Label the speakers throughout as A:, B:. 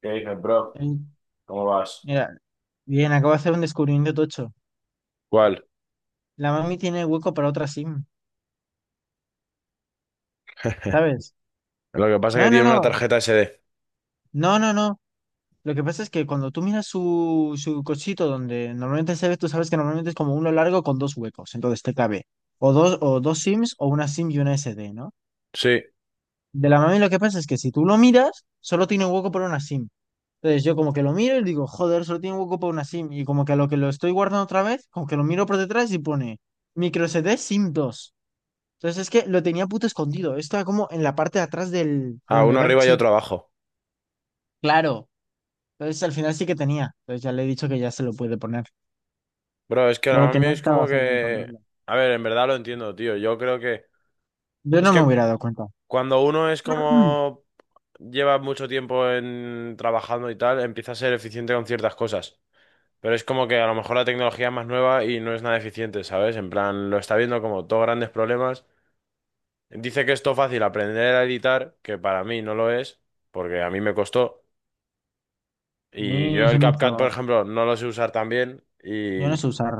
A: ¿Qué dices, bro?
B: Ey,
A: ¿Cómo vas?
B: mira, bien, acabo de hacer un descubrimiento tocho.
A: ¿Cuál?
B: La mami tiene hueco para otra SIM, ¿sabes?
A: Lo que pasa es que
B: No, no,
A: tiene una
B: no,
A: tarjeta SD.
B: no, no, no. Lo que pasa es que cuando tú miras su cochito donde normalmente se ve, tú sabes que normalmente es como uno largo con dos huecos, entonces te cabe o dos SIMs o una SIM y una SD, ¿no?
A: Sí,
B: De la mami lo que pasa es que si tú lo miras, solo tiene hueco para una SIM. Entonces yo como que lo miro y digo, joder, solo tiene hueco para una SIM. Y como que a lo que lo estoy guardando otra vez, como que lo miro por detrás y pone micro SD SIM dos. Entonces es que lo tenía puto escondido. Estaba como en la parte de atrás de
A: a
B: donde
A: uno
B: va el
A: arriba y
B: chip.
A: otro abajo.
B: Claro. Entonces al final sí que tenía. Entonces ya le he dicho que ya se lo puede poner.
A: Bro, es que
B: Pero
A: ahora
B: que
A: mismo
B: no
A: es
B: estaba
A: como
B: fácil de
A: que...
B: encontrarlo.
A: A ver, en verdad lo entiendo, tío. Yo creo que...
B: Yo
A: Es
B: no me
A: que
B: hubiera dado cuenta.
A: cuando uno es como... Lleva mucho tiempo en... trabajando y tal, empieza a ser eficiente con ciertas cosas. Pero es como que a lo mejor la tecnología es más nueva y no es nada eficiente, ¿sabes? En plan, lo está viendo como todos grandes problemas. Dice que es todo fácil aprender a editar, que para mí no lo es, porque a mí me costó. Y
B: Ni
A: yo
B: se
A: el
B: me
A: CapCut, por
B: hizo.
A: ejemplo, no lo sé usar tan bien.
B: Yo no
A: Y
B: sé usar.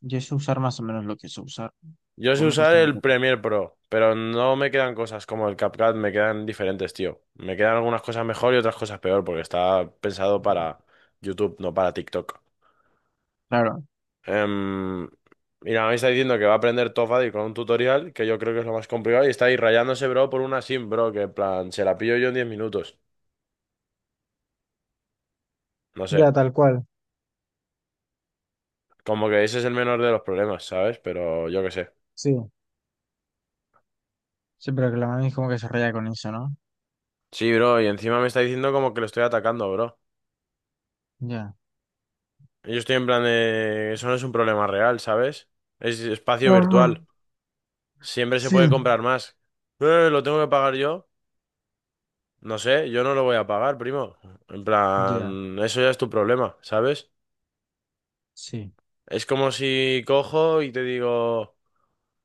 B: Yo sé usar más o menos lo que sé usar.
A: yo
B: Porque
A: sé
B: me
A: usar
B: costó mucho
A: el
B: tiempo.
A: Premiere Pro, pero no me quedan cosas como el CapCut, me quedan diferentes, tío. Me quedan algunas cosas mejor y otras cosas peor, porque está pensado
B: Mm.
A: para YouTube, no para TikTok.
B: Claro.
A: Em, Mira, me está diciendo que va a aprender Top Buddy con un tutorial, que yo creo que es lo más complicado, y está ahí rayándose, bro, por una sim, bro, que en plan, se la pillo yo en 10 minutos. No sé,
B: Ya, tal cual.
A: como que ese es el menor de los problemas, ¿sabes? Pero yo qué sé.
B: Sí. Sí, pero que la mami como que se raya con eso, ¿no?
A: Sí, bro, y encima me está diciendo como que lo estoy atacando, bro.
B: Ya.
A: Yo estoy en plan de... Eso no es un problema real, ¿sabes? Es espacio
B: Ajá.
A: virtual. Siempre se
B: Sí.
A: puede comprar más. ¿Lo tengo que pagar yo? No sé, yo no lo voy a pagar, primo. En
B: Ya,
A: plan, eso ya es tu problema, ¿sabes?
B: sí.
A: Es como si cojo y te digo,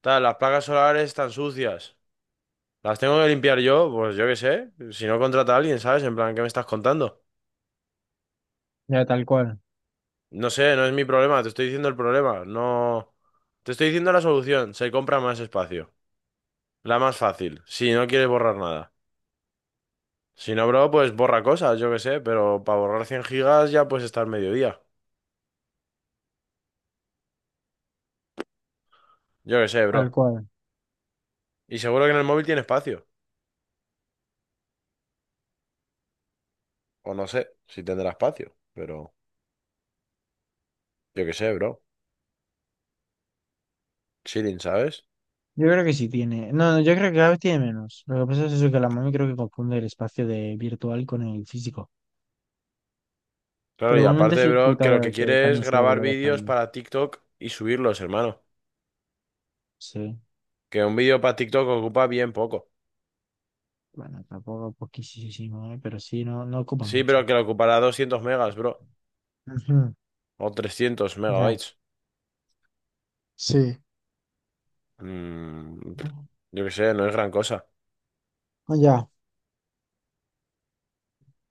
A: tal, las placas solares están sucias. ¿Las tengo que limpiar yo? Pues yo qué sé. Si no, contrata a alguien, ¿sabes? En plan, ¿qué me estás contando?
B: Ya, tal cual.
A: No sé, no es mi problema, te estoy diciendo el problema. No... Te estoy diciendo la solución, se compra más espacio. La más fácil, si no quieres borrar nada. Si no, bro, pues borra cosas, yo qué sé, pero para borrar 100 gigas ya puedes estar mediodía. Yo qué sé,
B: Tal
A: bro.
B: cual.
A: Y seguro que en el móvil tiene espacio. O no sé si tendrá espacio, pero yo qué sé, bro. Chilling, ¿sabes?
B: Yo creo que sí tiene. No, no, yo creo que cada vez tiene menos. Lo que pasa es eso, que la mami creo que confunde el espacio de virtual con el físico.
A: Claro,
B: Pero
A: y
B: igualmente sí
A: aparte,
B: es
A: bro, que lo que
B: putada que
A: quiere es
B: también se lo
A: grabar
B: vaya
A: vídeos
B: dejando.
A: para TikTok y subirlos, hermano.
B: Sí.
A: Que un vídeo para TikTok ocupa bien poco.
B: Bueno, tampoco poquísimo, ¿eh? Pero sí, no, no ocupa
A: Sí,
B: mucho.
A: pero que lo ocupará 200 megas, bro.
B: Ujú.
A: O 300
B: Ya,
A: megabytes.
B: sí.
A: Mm, pff,
B: Ah.
A: yo qué sé, no es gran cosa.
B: Ya.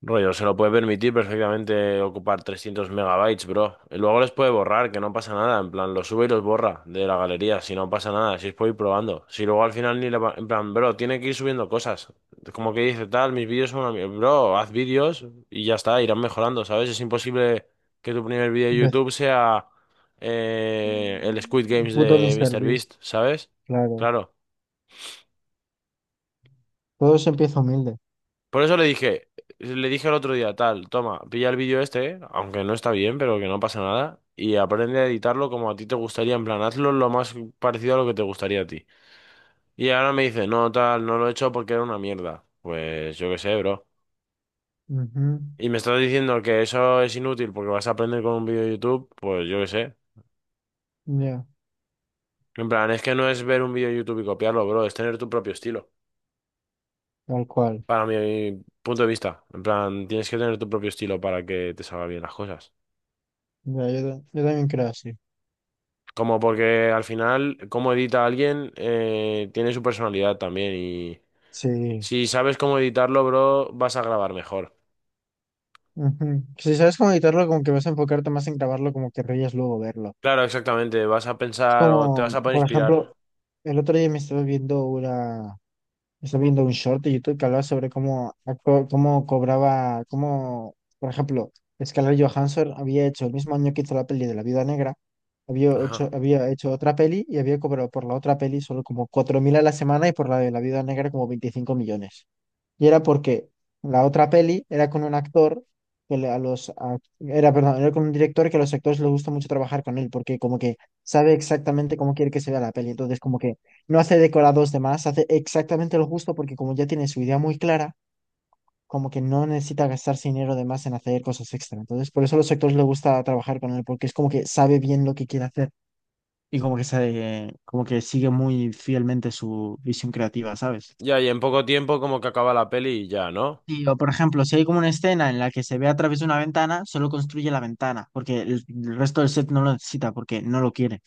A: Rollo, se lo puede permitir perfectamente ocupar 300 megabytes, bro. Y luego les puede borrar, que no pasa nada. En plan, los sube y los borra de la galería. Si no, pasa nada, si es por ir probando. Si luego al final ni le va... En plan, bro, tiene que ir subiendo cosas. Como que dice tal, mis vídeos son una... mier- Bro, haz vídeos y ya está, irán mejorando, ¿sabes? Es imposible que tu primer vídeo de
B: Empe-
A: YouTube sea el Squid Games
B: Puto
A: de
B: Mister Beast,
A: MrBeast, ¿sabes?
B: claro.
A: Claro.
B: Todo se empieza humilde.
A: Por eso le dije el otro día, tal, toma, pilla el vídeo este, aunque no está bien, pero que no pasa nada, y aprende a editarlo como a ti te gustaría, en plan, hazlo lo más parecido a lo que te gustaría a ti. Y ahora me dice, no, tal, no lo he hecho porque era una mierda. Pues yo qué sé, bro.
B: Ujú.
A: Y me estás diciendo que eso es inútil porque vas a aprender con un vídeo de YouTube, pues yo qué sé.
B: Ya,
A: En plan, es que no es ver un vídeo de YouTube y copiarlo, bro, es tener tu propio estilo.
B: tal cual.
A: Para mi punto de vista, en plan, tienes que tener tu propio estilo para que te salgan bien las cosas.
B: Ya, yo, yo también creo así.
A: Como porque al final, cómo edita alguien tiene su personalidad también. Y
B: Sí.
A: si sabes cómo editarlo, bro, vas a grabar mejor.
B: Ujú. Si sabes cómo editarlo, como que vas a enfocarte más en grabarlo, como que reyes luego verlo.
A: Claro, exactamente. Vas a
B: Es
A: pensar o te vas
B: como,
A: a poder
B: por
A: inspirar.
B: ejemplo, el otro día me estaba viendo estaba viendo un short de YouTube que hablaba sobre cómo, cómo cobraba, cómo, por ejemplo, Scarlett Johansson había hecho el mismo año que hizo la peli de La Viuda Negra,
A: Ajá.
B: había hecho otra peli y había cobrado por la otra peli solo como 4.000 a la semana y por la de La Viuda Negra como 25 millones. Y era porque la otra peli era con un actor que le- a los ac- era, perdón, era con un director que a los actores les gusta mucho trabajar con él, porque como que sabe exactamente cómo quiere que se vea la peli. Entonces, como que no hace decorados de más, hace exactamente lo justo, porque como ya tiene su idea muy clara, como que no necesita gastarse dinero de más en hacer cosas extra. Entonces, por eso a los actores les gusta trabajar con él, porque es como que sabe bien lo que quiere hacer y como que sabe, como que sigue muy fielmente su visión creativa, ¿sabes?
A: Ya, y en poco tiempo, como que acaba la peli y ya, ¿no?
B: Sí, o por ejemplo, si hay como una escena en la que se ve a través de una ventana, solo construye la ventana, porque el resto del set no lo necesita, porque no lo quiere.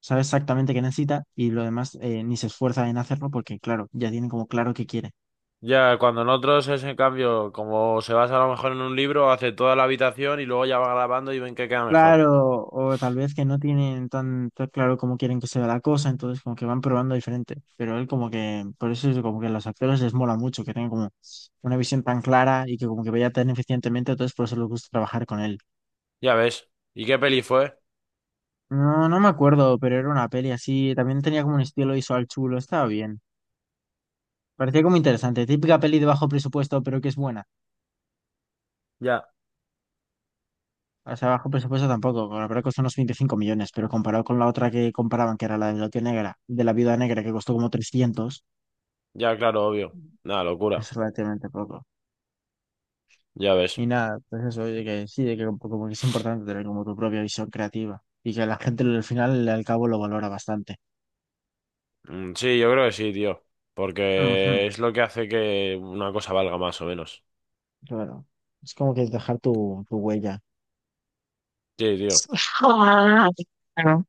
B: Sabe exactamente qué necesita y lo demás, ni se esfuerza en hacerlo porque, claro, ya tienen como claro qué quiere.
A: Ya, cuando en otros es en cambio, como se basa a lo mejor en un libro, hace toda la habitación y luego ya va grabando y ven que queda mejor.
B: Claro, o tal vez que no tienen tan claro cómo quieren que sea la cosa, entonces como que van probando diferente. Pero él como que, por eso es como que a los actores les mola mucho que tengan como una visión tan clara y que como que vaya tan eficientemente, entonces por eso les gusta trabajar con él.
A: Ya ves. ¿Y qué peli fue?
B: No, no me acuerdo, pero era una peli así. También tenía como un estilo visual chulo, estaba bien. Parecía como interesante. Típica peli de bajo presupuesto, pero que es buena.
A: Ya.
B: O sea, bajo presupuesto tampoco. La verdad costó unos 25 millones, pero comparado con la otra que comparaban, que era la de la tía negra, de la viuda negra, que costó como trescientos,
A: Ya, claro, obvio. Nada, locura.
B: es relativamente poco.
A: Ya ves.
B: Y nada, pues eso, de que sí, de que como que es importante tener como tu propia visión creativa. Y que la gente al final, al cabo, lo valora bastante.
A: Sí, yo creo que sí, tío.
B: Ujú.
A: Porque es lo que hace que una cosa valga más o menos.
B: Claro. Es como que es dejar tu huella.
A: Sí, tío.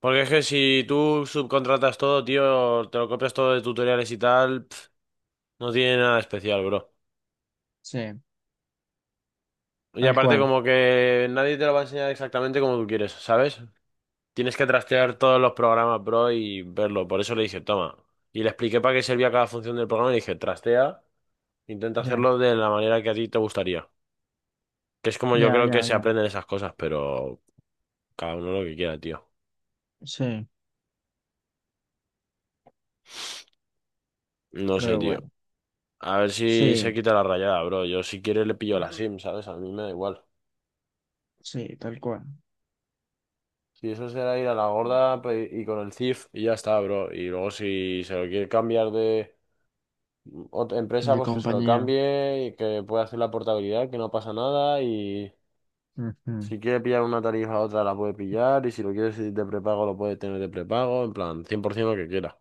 A: Porque es que si tú subcontratas todo, tío, te lo copias todo de tutoriales y tal, pf, no tiene nada especial, bro.
B: Sí,
A: Y
B: tal
A: aparte
B: cual.
A: como que nadie te lo va a enseñar exactamente como tú quieres, ¿sabes? Tienes que trastear todos los programas, bro, y verlo. Por eso le dije, toma. Y le expliqué para qué servía cada función del programa y le dije, trastea, intenta
B: Ya,
A: hacerlo de la manera que a ti te gustaría. Que es como yo
B: ya,
A: creo que
B: ya,
A: se
B: ya.
A: aprenden esas cosas, pero... Cada uno lo que quiera, tío.
B: Sí,
A: No sé,
B: pero
A: tío.
B: bueno.
A: A ver si se
B: Sí.
A: quita la rayada, bro. Yo si quiere le pillo la
B: Ujú.
A: SIM, ¿sabes? A mí me da igual.
B: Sí, tal cual.
A: Si eso será ir a la gorda pe- y con el CIF y ya está, bro. Y luego si se lo quiere cambiar de otra empresa,
B: De
A: pues que se lo
B: compañía.
A: cambie y que pueda hacer la portabilidad, que no pasa nada. Y
B: Ujú.
A: si quiere pillar una tarifa a otra, la puede pillar. Y si lo quiere de prepago, lo puede tener de prepago. En plan, 100% lo que quiera.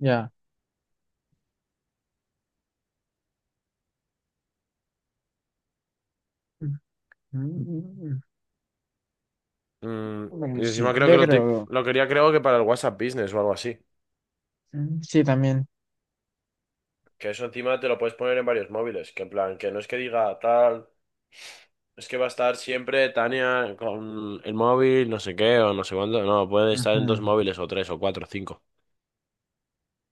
B: Ya. Ujú.
A: Mm,
B: Bueno,
A: y encima
B: sí,
A: creo que
B: yo
A: lo, ti-
B: creo.
A: lo quería, creo que para el WhatsApp Business o algo así.
B: Mm. Sí, también.
A: Que eso encima te lo puedes poner en varios móviles, que en plan, que no es que diga tal, es que va a estar siempre Tania con el móvil, no sé qué, o no sé cuánto, no, puede estar en dos móviles, o tres, o cuatro, o cinco.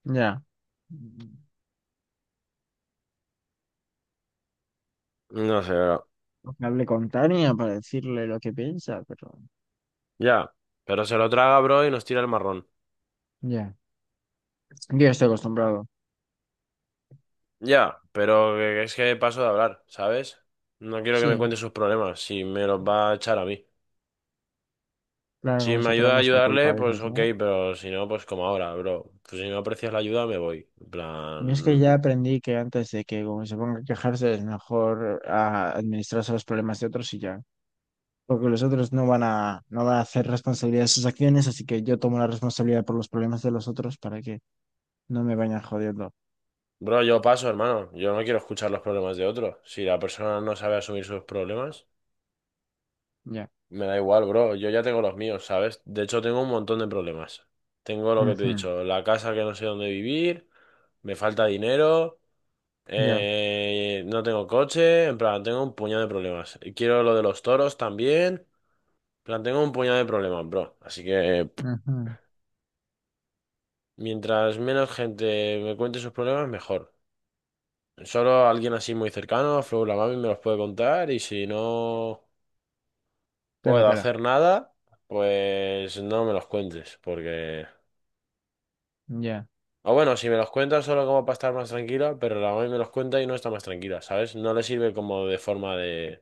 B: Ujú. Ya. Mm.
A: No sé, bro.
B: Hablé con Tania para decirle lo que piensa, pero.
A: Ya, pero se lo traga, bro, y nos tira el marrón.
B: Ya. Yo estoy acostumbrado.
A: Ya, pero que- es que paso de hablar, ¿sabes? No quiero que me
B: Sí.
A: cuente sus problemas, si me los va a echar a mí.
B: Claro,
A: Si
B: como
A: me
B: si fuera
A: ayuda a
B: nuestra culpa, a
A: ayudarle, pues ok,
B: ¿no?
A: pero si no, pues como ahora, bro. Pues si no aprecias la ayuda, me voy. En
B: Y es que ya
A: plan,
B: aprendí que antes de que como se ponga a quejarse es mejor, ah, administrarse los problemas de otros y ya. Porque los otros no van a hacer responsabilidad de sus acciones, así que yo tomo la responsabilidad por los problemas de los otros para que no me vayan jodiendo.
A: bro, yo paso, hermano. Yo no quiero escuchar los problemas de otros. Si la persona no sabe asumir sus problemas,
B: Ya.
A: me da igual, bro. Yo ya tengo los míos, ¿sabes? De hecho, tengo un montón de problemas. Tengo lo que te he
B: Ujú.
A: dicho, la casa que no sé dónde vivir, me falta dinero,
B: Ya.
A: no tengo coche, en plan, tengo un puñado de problemas. Quiero lo de los toros también, en plan, tengo un puñado de problemas, bro. Así que, pff,
B: Ujú.
A: mientras menos gente me cuente sus problemas, mejor. Solo alguien así muy cercano, Flow la mami, me los puede contar y si no,
B: Te la
A: puedo
B: pela.
A: hacer nada, pues no me los cuentes, porque...
B: Ya.
A: O bueno, si me los cuentas solo como para estar más tranquila, pero la mami me los cuenta y no está más tranquila, ¿sabes? No le sirve como de forma de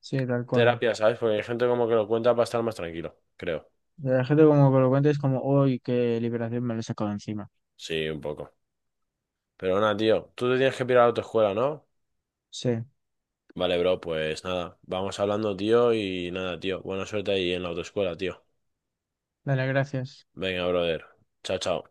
B: Sí, tal cual.
A: terapia, ¿sabes? Porque hay gente como que lo cuenta para estar más tranquilo, creo.
B: La gente como que lo cuenta es como, uy, qué liberación, me lo he sacado encima.
A: Sí, un poco. Pero nada, tío, tú te tienes que pirar a tu escuela, ¿no?
B: Sí.
A: Vale, bro, pues nada, vamos hablando, tío, y nada, tío. Buena suerte ahí en la autoescuela, tío.
B: Dale, gracias.
A: Venga, brother. Chao, chao.